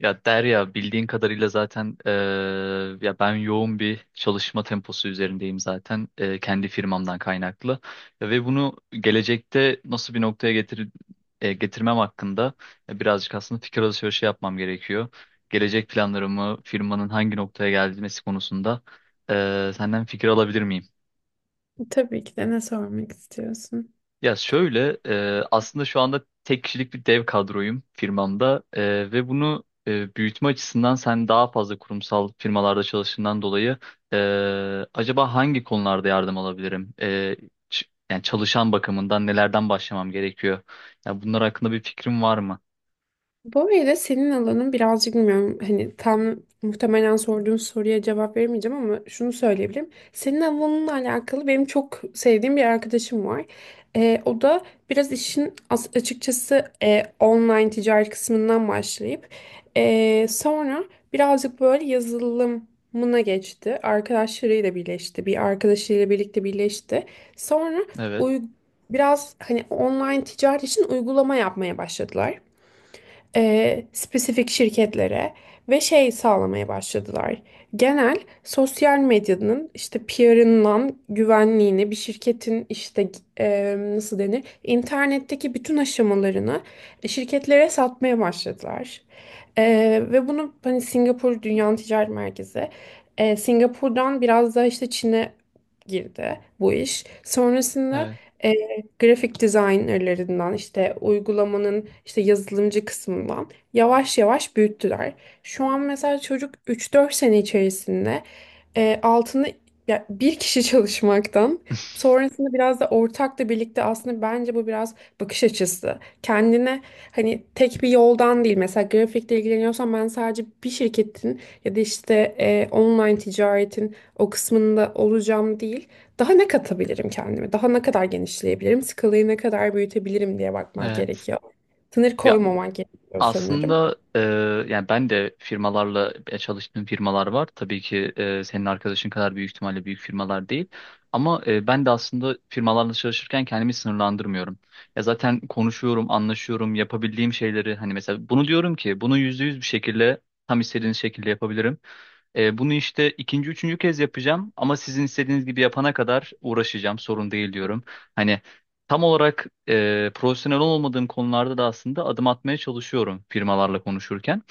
Ya Derya bildiğin kadarıyla zaten ya ben yoğun bir çalışma temposu üzerindeyim zaten, kendi firmamdan kaynaklı ve bunu gelecekte nasıl bir noktaya getirmem hakkında birazcık aslında fikir alışverişi yapmam gerekiyor. Gelecek planlarımı, firmanın hangi noktaya gelmesi konusunda senden fikir alabilir miyim? Tabii ki de ne sormak istiyorsun? Ya şöyle, aslında şu anda tek kişilik bir dev kadroyum firmamda, ve bunu büyütme açısından, sen daha fazla kurumsal firmalarda çalıştığından dolayı e, acaba hangi konularda yardım alabilirim? Ç- yani çalışan bakımından nelerden başlamam gerekiyor? Ya bunlar hakkında bir fikrim var mı? Böyle senin alanın birazcık bilmiyorum hani tam muhtemelen sorduğun soruya cevap veremeyeceğim ama şunu söyleyebilirim. Senin alanınla alakalı benim çok sevdiğim bir arkadaşım var. O da biraz açıkçası online ticaret kısmından başlayıp sonra birazcık böyle yazılımına geçti. Arkadaşlarıyla birleşti. Bir arkadaşıyla birlikte birleşti. Sonra Evet, uy- biraz hani online ticaret için uygulama yapmaya başladılar, spesifik şirketlere ve şey sağlamaya başladılar. Genel sosyal medyanın işte PR'ından güvenliğini bir şirketin işte, nasıl denir, internetteki bütün aşamalarını şirketlere satmaya başladılar. E, Ve bunu hani Singapur Dünya Ticaret Merkezi, Singapur'dan biraz daha işte Çin'e girdi bu iş. Sonrasında evet, grafik designerlarından işte uygulamanın işte yazılımcı kısmından yavaş yavaş büyüttüler. Şu an mesela çocuk üç dört sene içerisinde, altında ya bir kişi çalışmaktan sonrasında biraz da ortakla birlikte aslında bence bu biraz bakış açısı. Kendine hani tek bir yoldan değil, mesela grafikle ilgileniyorsan ben sadece bir şirketin ya da işte, online ticaretin o kısmında olacağım değil, daha ne katabilirim kendime? Daha ne kadar genişleyebilirim? Skalayı ne kadar büyütebilirim diye bakmak evet. gerekiyor. Sınır Ya koymaman gerekiyor sanırım. aslında, yani ben de firmalarla, çalıştığım firmalar var. Tabii ki senin arkadaşın kadar büyük ihtimalle büyük firmalar değil. Ama ben de aslında firmalarla çalışırken kendimi sınırlandırmıyorum. Ya zaten konuşuyorum, anlaşıyorum, yapabildiğim şeyleri, hani mesela bunu diyorum ki, bunu yüzde yüz bir şekilde tam istediğiniz şekilde yapabilirim. Bunu işte ikinci, üçüncü kez yapacağım ama sizin istediğiniz gibi yapana kadar uğraşacağım, sorun değil diyorum. Hani tam olarak profesyonel olmadığım konularda da aslında adım atmaya çalışıyorum firmalarla konuşurken.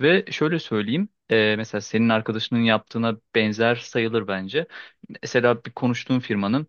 Ve şöyle söyleyeyim, mesela senin arkadaşının yaptığına benzer sayılır bence. Mesela bir konuştuğum firmanın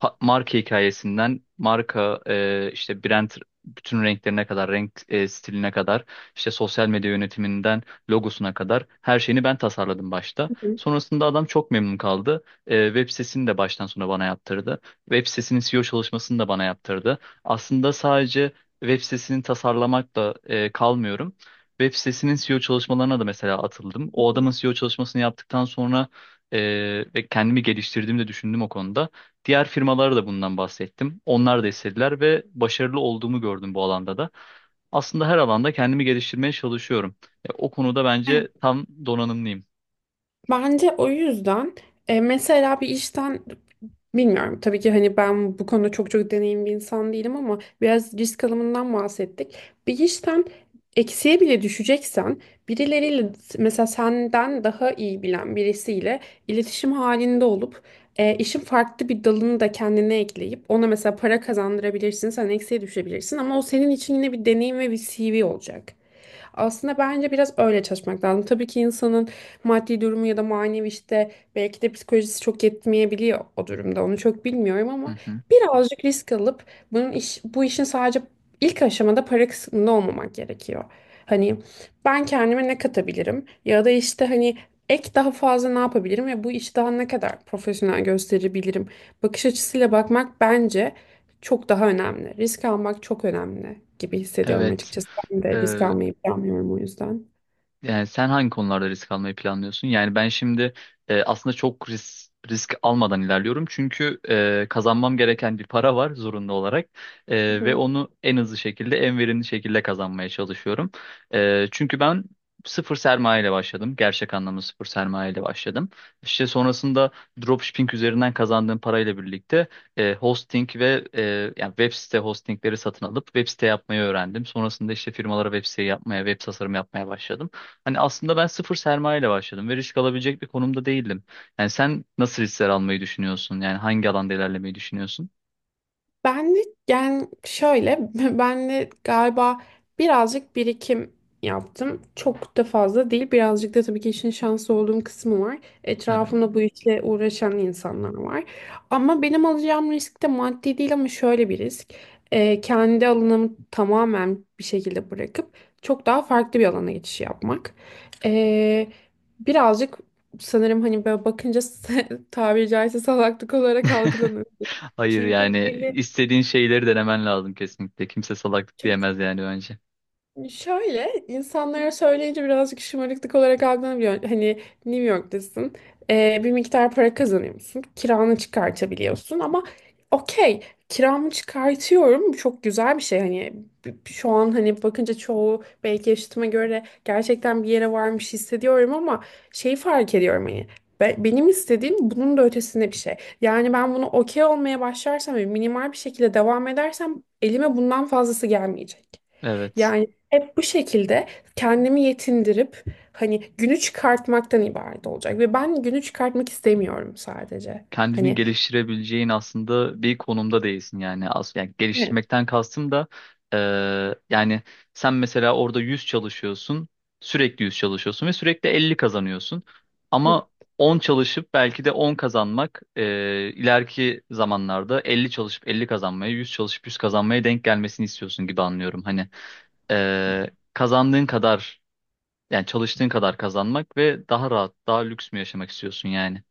marka hikayesinden, marka işte brand, bütün renklerine kadar, renk stiline kadar, işte sosyal medya yönetiminden logosuna kadar her şeyini ben tasarladım başta. Hı hı, Sonrasında adam çok memnun kaldı. Web sitesini de baştan sona bana yaptırdı. Web sitesinin SEO çalışmasını da bana yaptırdı. Aslında sadece web sitesini tasarlamakla kalmıyorum. Web sitesinin SEO çalışmalarına da mesela atıldım. O hı adamın SEO çalışmasını yaptıktan sonra e, ve kendimi geliştirdiğimi de düşündüm o konuda. Diğer firmalara da bundan bahsettim. Onlar da istediler ve başarılı olduğumu gördüm bu alanda da. Aslında her alanda kendimi geliştirmeye çalışıyorum. O konuda hı. bence tam donanımlıyım. Bence o yüzden, mesela bir işten bilmiyorum tabii ki hani ben bu konuda çok çok deneyimli bir insan değilim ama biraz risk alımından bahsettik. Bir işten eksiye bile düşeceksen birileriyle, mesela senden daha iyi bilen birisiyle iletişim halinde olup, işin farklı bir dalını da kendine ekleyip ona mesela para kazandırabilirsin, sen eksiye düşebilirsin ama o senin için yine bir deneyim ve bir CV olacak. Aslında bence biraz öyle çalışmak lazım. Tabii ki insanın maddi durumu ya da manevi işte belki de psikolojisi çok yetmeyebiliyor o durumda. Onu çok bilmiyorum Hı ama hı. birazcık risk alıp bunun iş, bu işin sadece ilk aşamada para kısmında olmamak gerekiyor. Hani ben kendime ne katabilirim ya da işte hani ek daha fazla ne yapabilirim ve bu işi daha ne kadar profesyonel gösterebilirim bakış açısıyla bakmak bence çok daha önemli. Risk almak çok önemli gibi hissediyorum Evet. açıkçası. Ben de risk almayı planlıyorum o yüzden. Yani sen hangi konularda risk almayı planlıyorsun? Yani ben şimdi aslında çok risk almadan ilerliyorum. Çünkü kazanmam gereken bir para var zorunlu olarak. Hı Ve hı. onu en hızlı şekilde, en verimli şekilde kazanmaya çalışıyorum. Çünkü ben sıfır sermaye ile başladım. Gerçek anlamda sıfır sermaye ile başladım. İşte sonrasında dropshipping üzerinden kazandığım parayla birlikte hosting ve yani web site hostingleri satın alıp web site yapmayı öğrendim. Sonrasında işte firmalara web site yapmaya, web tasarım yapmaya başladım. Hani aslında ben sıfır sermayeyle başladım ve risk alabilecek bir konumda değildim. Yani sen nasıl riskler almayı düşünüyorsun? Yani hangi alanda ilerlemeyi düşünüyorsun? Benlik yani şöyle ben de galiba birazcık birikim yaptım. Çok da fazla değil. Birazcık da tabii ki işin şanslı olduğum kısmı var. Evet. Etrafımda bu işle uğraşan insanlar var. Ama benim alacağım risk de maddi değil ama şöyle bir risk. Kendi alanımı tamamen bir şekilde bırakıp çok daha farklı bir alana geçiş yapmak. Ee, Birazcık sanırım hani böyle bakınca tabiri caizse salaklık olarak algılanıyor. Hayır, Çünkü yani belli, istediğin şeyleri denemen lazım kesinlikle. Kimse salaklık çünkü diyemez yani bence. şöyle insanlara söyleyince birazcık şımarıklık olarak algılanabiliyor. Hani New York'tasın, bir miktar para kazanıyorsun, kiranı çıkartabiliyorsun ama okey, kiramı çıkartıyorum. Bu çok güzel bir şey. Hani şu an hani bakınca çoğu belki yaşıtıma göre gerçekten bir yere varmış hissediyorum ama şeyi fark ediyorum hani benim istediğim bunun da ötesinde bir şey. Yani ben bunu okey olmaya başlarsam ve minimal bir şekilde devam edersem elime bundan fazlası gelmeyecek. Evet. Yani hep bu şekilde kendimi yetindirip hani günü çıkartmaktan ibaret olacak ve ben günü çıkartmak istemiyorum sadece. Kendini Hani geliştirebileceğin aslında bir konumda değilsin yani. As yani evet, geliştirmekten kastım da yani sen mesela orada 100 çalışıyorsun, sürekli 100 çalışıyorsun ve sürekli 50 kazanıyorsun. evet. Ama 10 çalışıp belki de 10 kazanmak ileriki zamanlarda 50 çalışıp 50 kazanmaya, 100 çalışıp 100 kazanmaya denk gelmesini istiyorsun gibi anlıyorum. Hani kazandığın kadar, yani çalıştığın kadar kazanmak ve daha rahat, daha lüks mü yaşamak istiyorsun yani?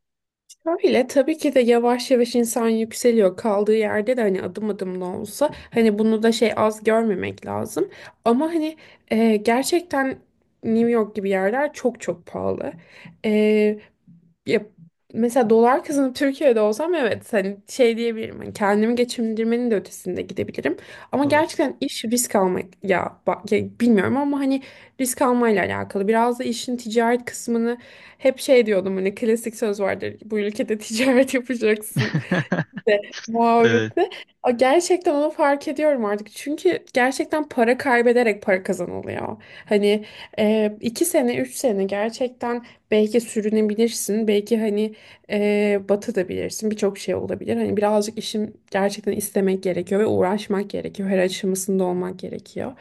Şöyle tabii ki de yavaş yavaş insan yükseliyor kaldığı yerde de hani adım adım da olsa hani bunu da şey az görmemek lazım. Ama hani, gerçekten New York gibi yerler çok çok pahalı. E, Ya, mesela dolar kazanıp Türkiye'de olsam evet hani şey diyebilirim. Hani kendimi geçindirmenin de ötesinde gidebilirim. Ama Doğru. gerçekten iş risk almak ya, bak, ya bilmiyorum ama hani risk almayla alakalı. Biraz da işin ticaret kısmını hep şey diyordum hani klasik söz vardır. Bu ülkede ticaret yapacaksın de Evet. muhabbeti. O gerçekten onu fark ediyorum artık. Çünkü gerçekten para kaybederek para kazanılıyor. Hani, iki sene, üç sene gerçekten belki sürünebilirsin. Belki hani, batabilirsin. Birçok şey olabilir. Hani birazcık işin gerçekten istemek gerekiyor ve uğraşmak gerekiyor. Her aşamasında olmak gerekiyor.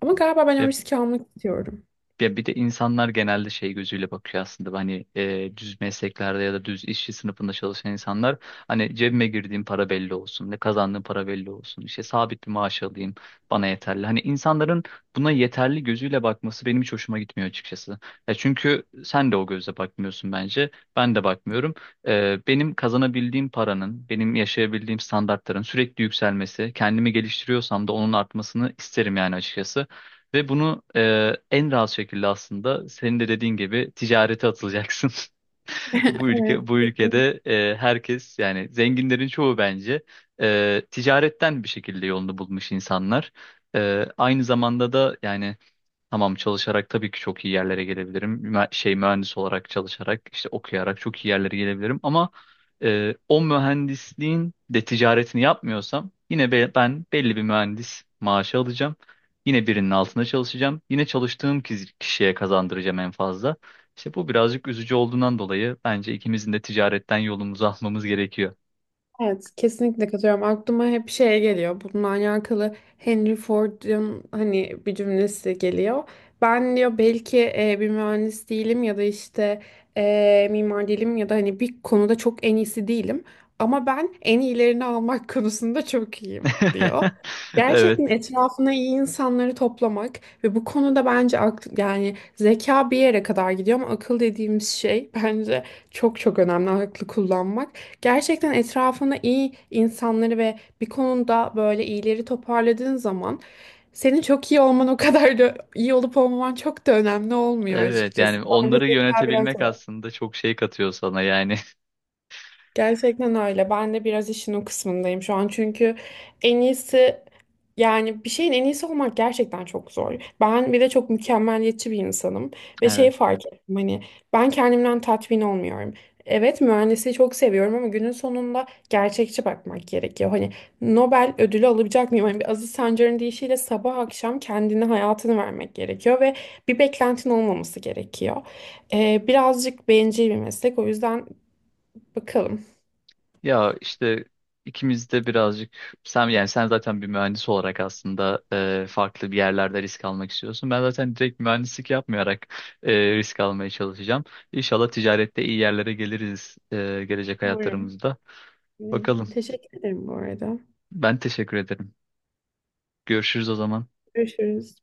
Ama galiba ben o Ya, riski almak istiyorum. ya bir de insanlar genelde şey gözüyle bakıyor aslında, hani düz mesleklerde ya da düz işçi sınıfında çalışan insanlar, hani cebime girdiğim para belli olsun, ne kazandığım para belli olsun, işte sabit bir maaş alayım bana yeterli. Hani insanların buna yeterli gözüyle bakması benim hiç hoşuma gitmiyor açıkçası. Ya çünkü sen de o gözle bakmıyorsun bence, ben de bakmıyorum. Benim kazanabildiğim paranın, benim yaşayabildiğim standartların sürekli yükselmesi, kendimi geliştiriyorsam da onun artmasını isterim yani açıkçası. Ve bunu, en rahat şekilde, aslında senin de dediğin gibi, ticarete atılacaksın. Bu Evet, kesin. ülkede herkes, yani zenginlerin çoğu bence ticaretten bir şekilde yolunu bulmuş insanlar. Aynı zamanda da yani, tamam, çalışarak tabii ki çok iyi yerlere gelebilirim. Mühendis olarak çalışarak, işte okuyarak çok iyi yerlere gelebilirim ama o mühendisliğin de ticaretini yapmıyorsam, yine ben belli bir mühendis maaşı alacağım. Yine birinin altında çalışacağım. Yine çalıştığım kişiye kazandıracağım en fazla. İşte bu birazcık üzücü olduğundan dolayı, bence ikimizin de ticaretten yolumuzu almamız gerekiyor. Evet, kesinlikle katılıyorum. Aklıma hep şey geliyor. Bununla alakalı Henry Ford'un hani bir cümlesi geliyor. Ben diyor belki, bir mühendis değilim ya da işte, mimar değilim ya da hani bir konuda çok en iyisi değilim. Ama ben en iyilerini almak konusunda çok iyiyim diyor. Gerçekten Evet. etrafına iyi insanları toplamak ve bu konuda bence akl yani zeka bir yere kadar gidiyor ama akıl dediğimiz şey bence çok çok önemli aklı kullanmak. Gerçekten etrafında iyi insanları ve bir konuda böyle iyileri toparladığın zaman senin çok iyi olman, o kadar da iyi olup olmaman çok da önemli olmuyor Evet, açıkçası. yani Bence onları zeka biraz yönetebilmek o. aslında çok şey katıyor sana yani. Gerçekten öyle. Ben de biraz işin o kısmındayım şu an. Çünkü en iyisi, yani bir şeyin en iyisi olmak gerçekten çok zor. Ben bir de çok mükemmeliyetçi bir insanım ve şeyi fark ettim hani ben kendimden tatmin olmuyorum. Evet, mühendisliği çok seviyorum ama günün sonunda gerçekçi bakmak gerekiyor. Hani Nobel ödülü alabilecek miyim? Hani bir Aziz Sancar'ın deyişiyle sabah akşam kendini hayatını vermek gerekiyor ve bir beklentin olmaması gerekiyor. Birazcık bencil bir meslek o yüzden, bakalım. Ya işte, ikimiz de birazcık, sen yani sen zaten bir mühendis olarak aslında farklı bir yerlerde risk almak istiyorsun. Ben zaten direkt mühendislik yapmayarak risk almaya çalışacağım. İnşallah ticarette iyi yerlere geliriz gelecek Umarım. hayatlarımızda. Umarım. Bakalım. Teşekkür ederim bu arada. Ben teşekkür ederim. Görüşürüz o zaman. Görüşürüz.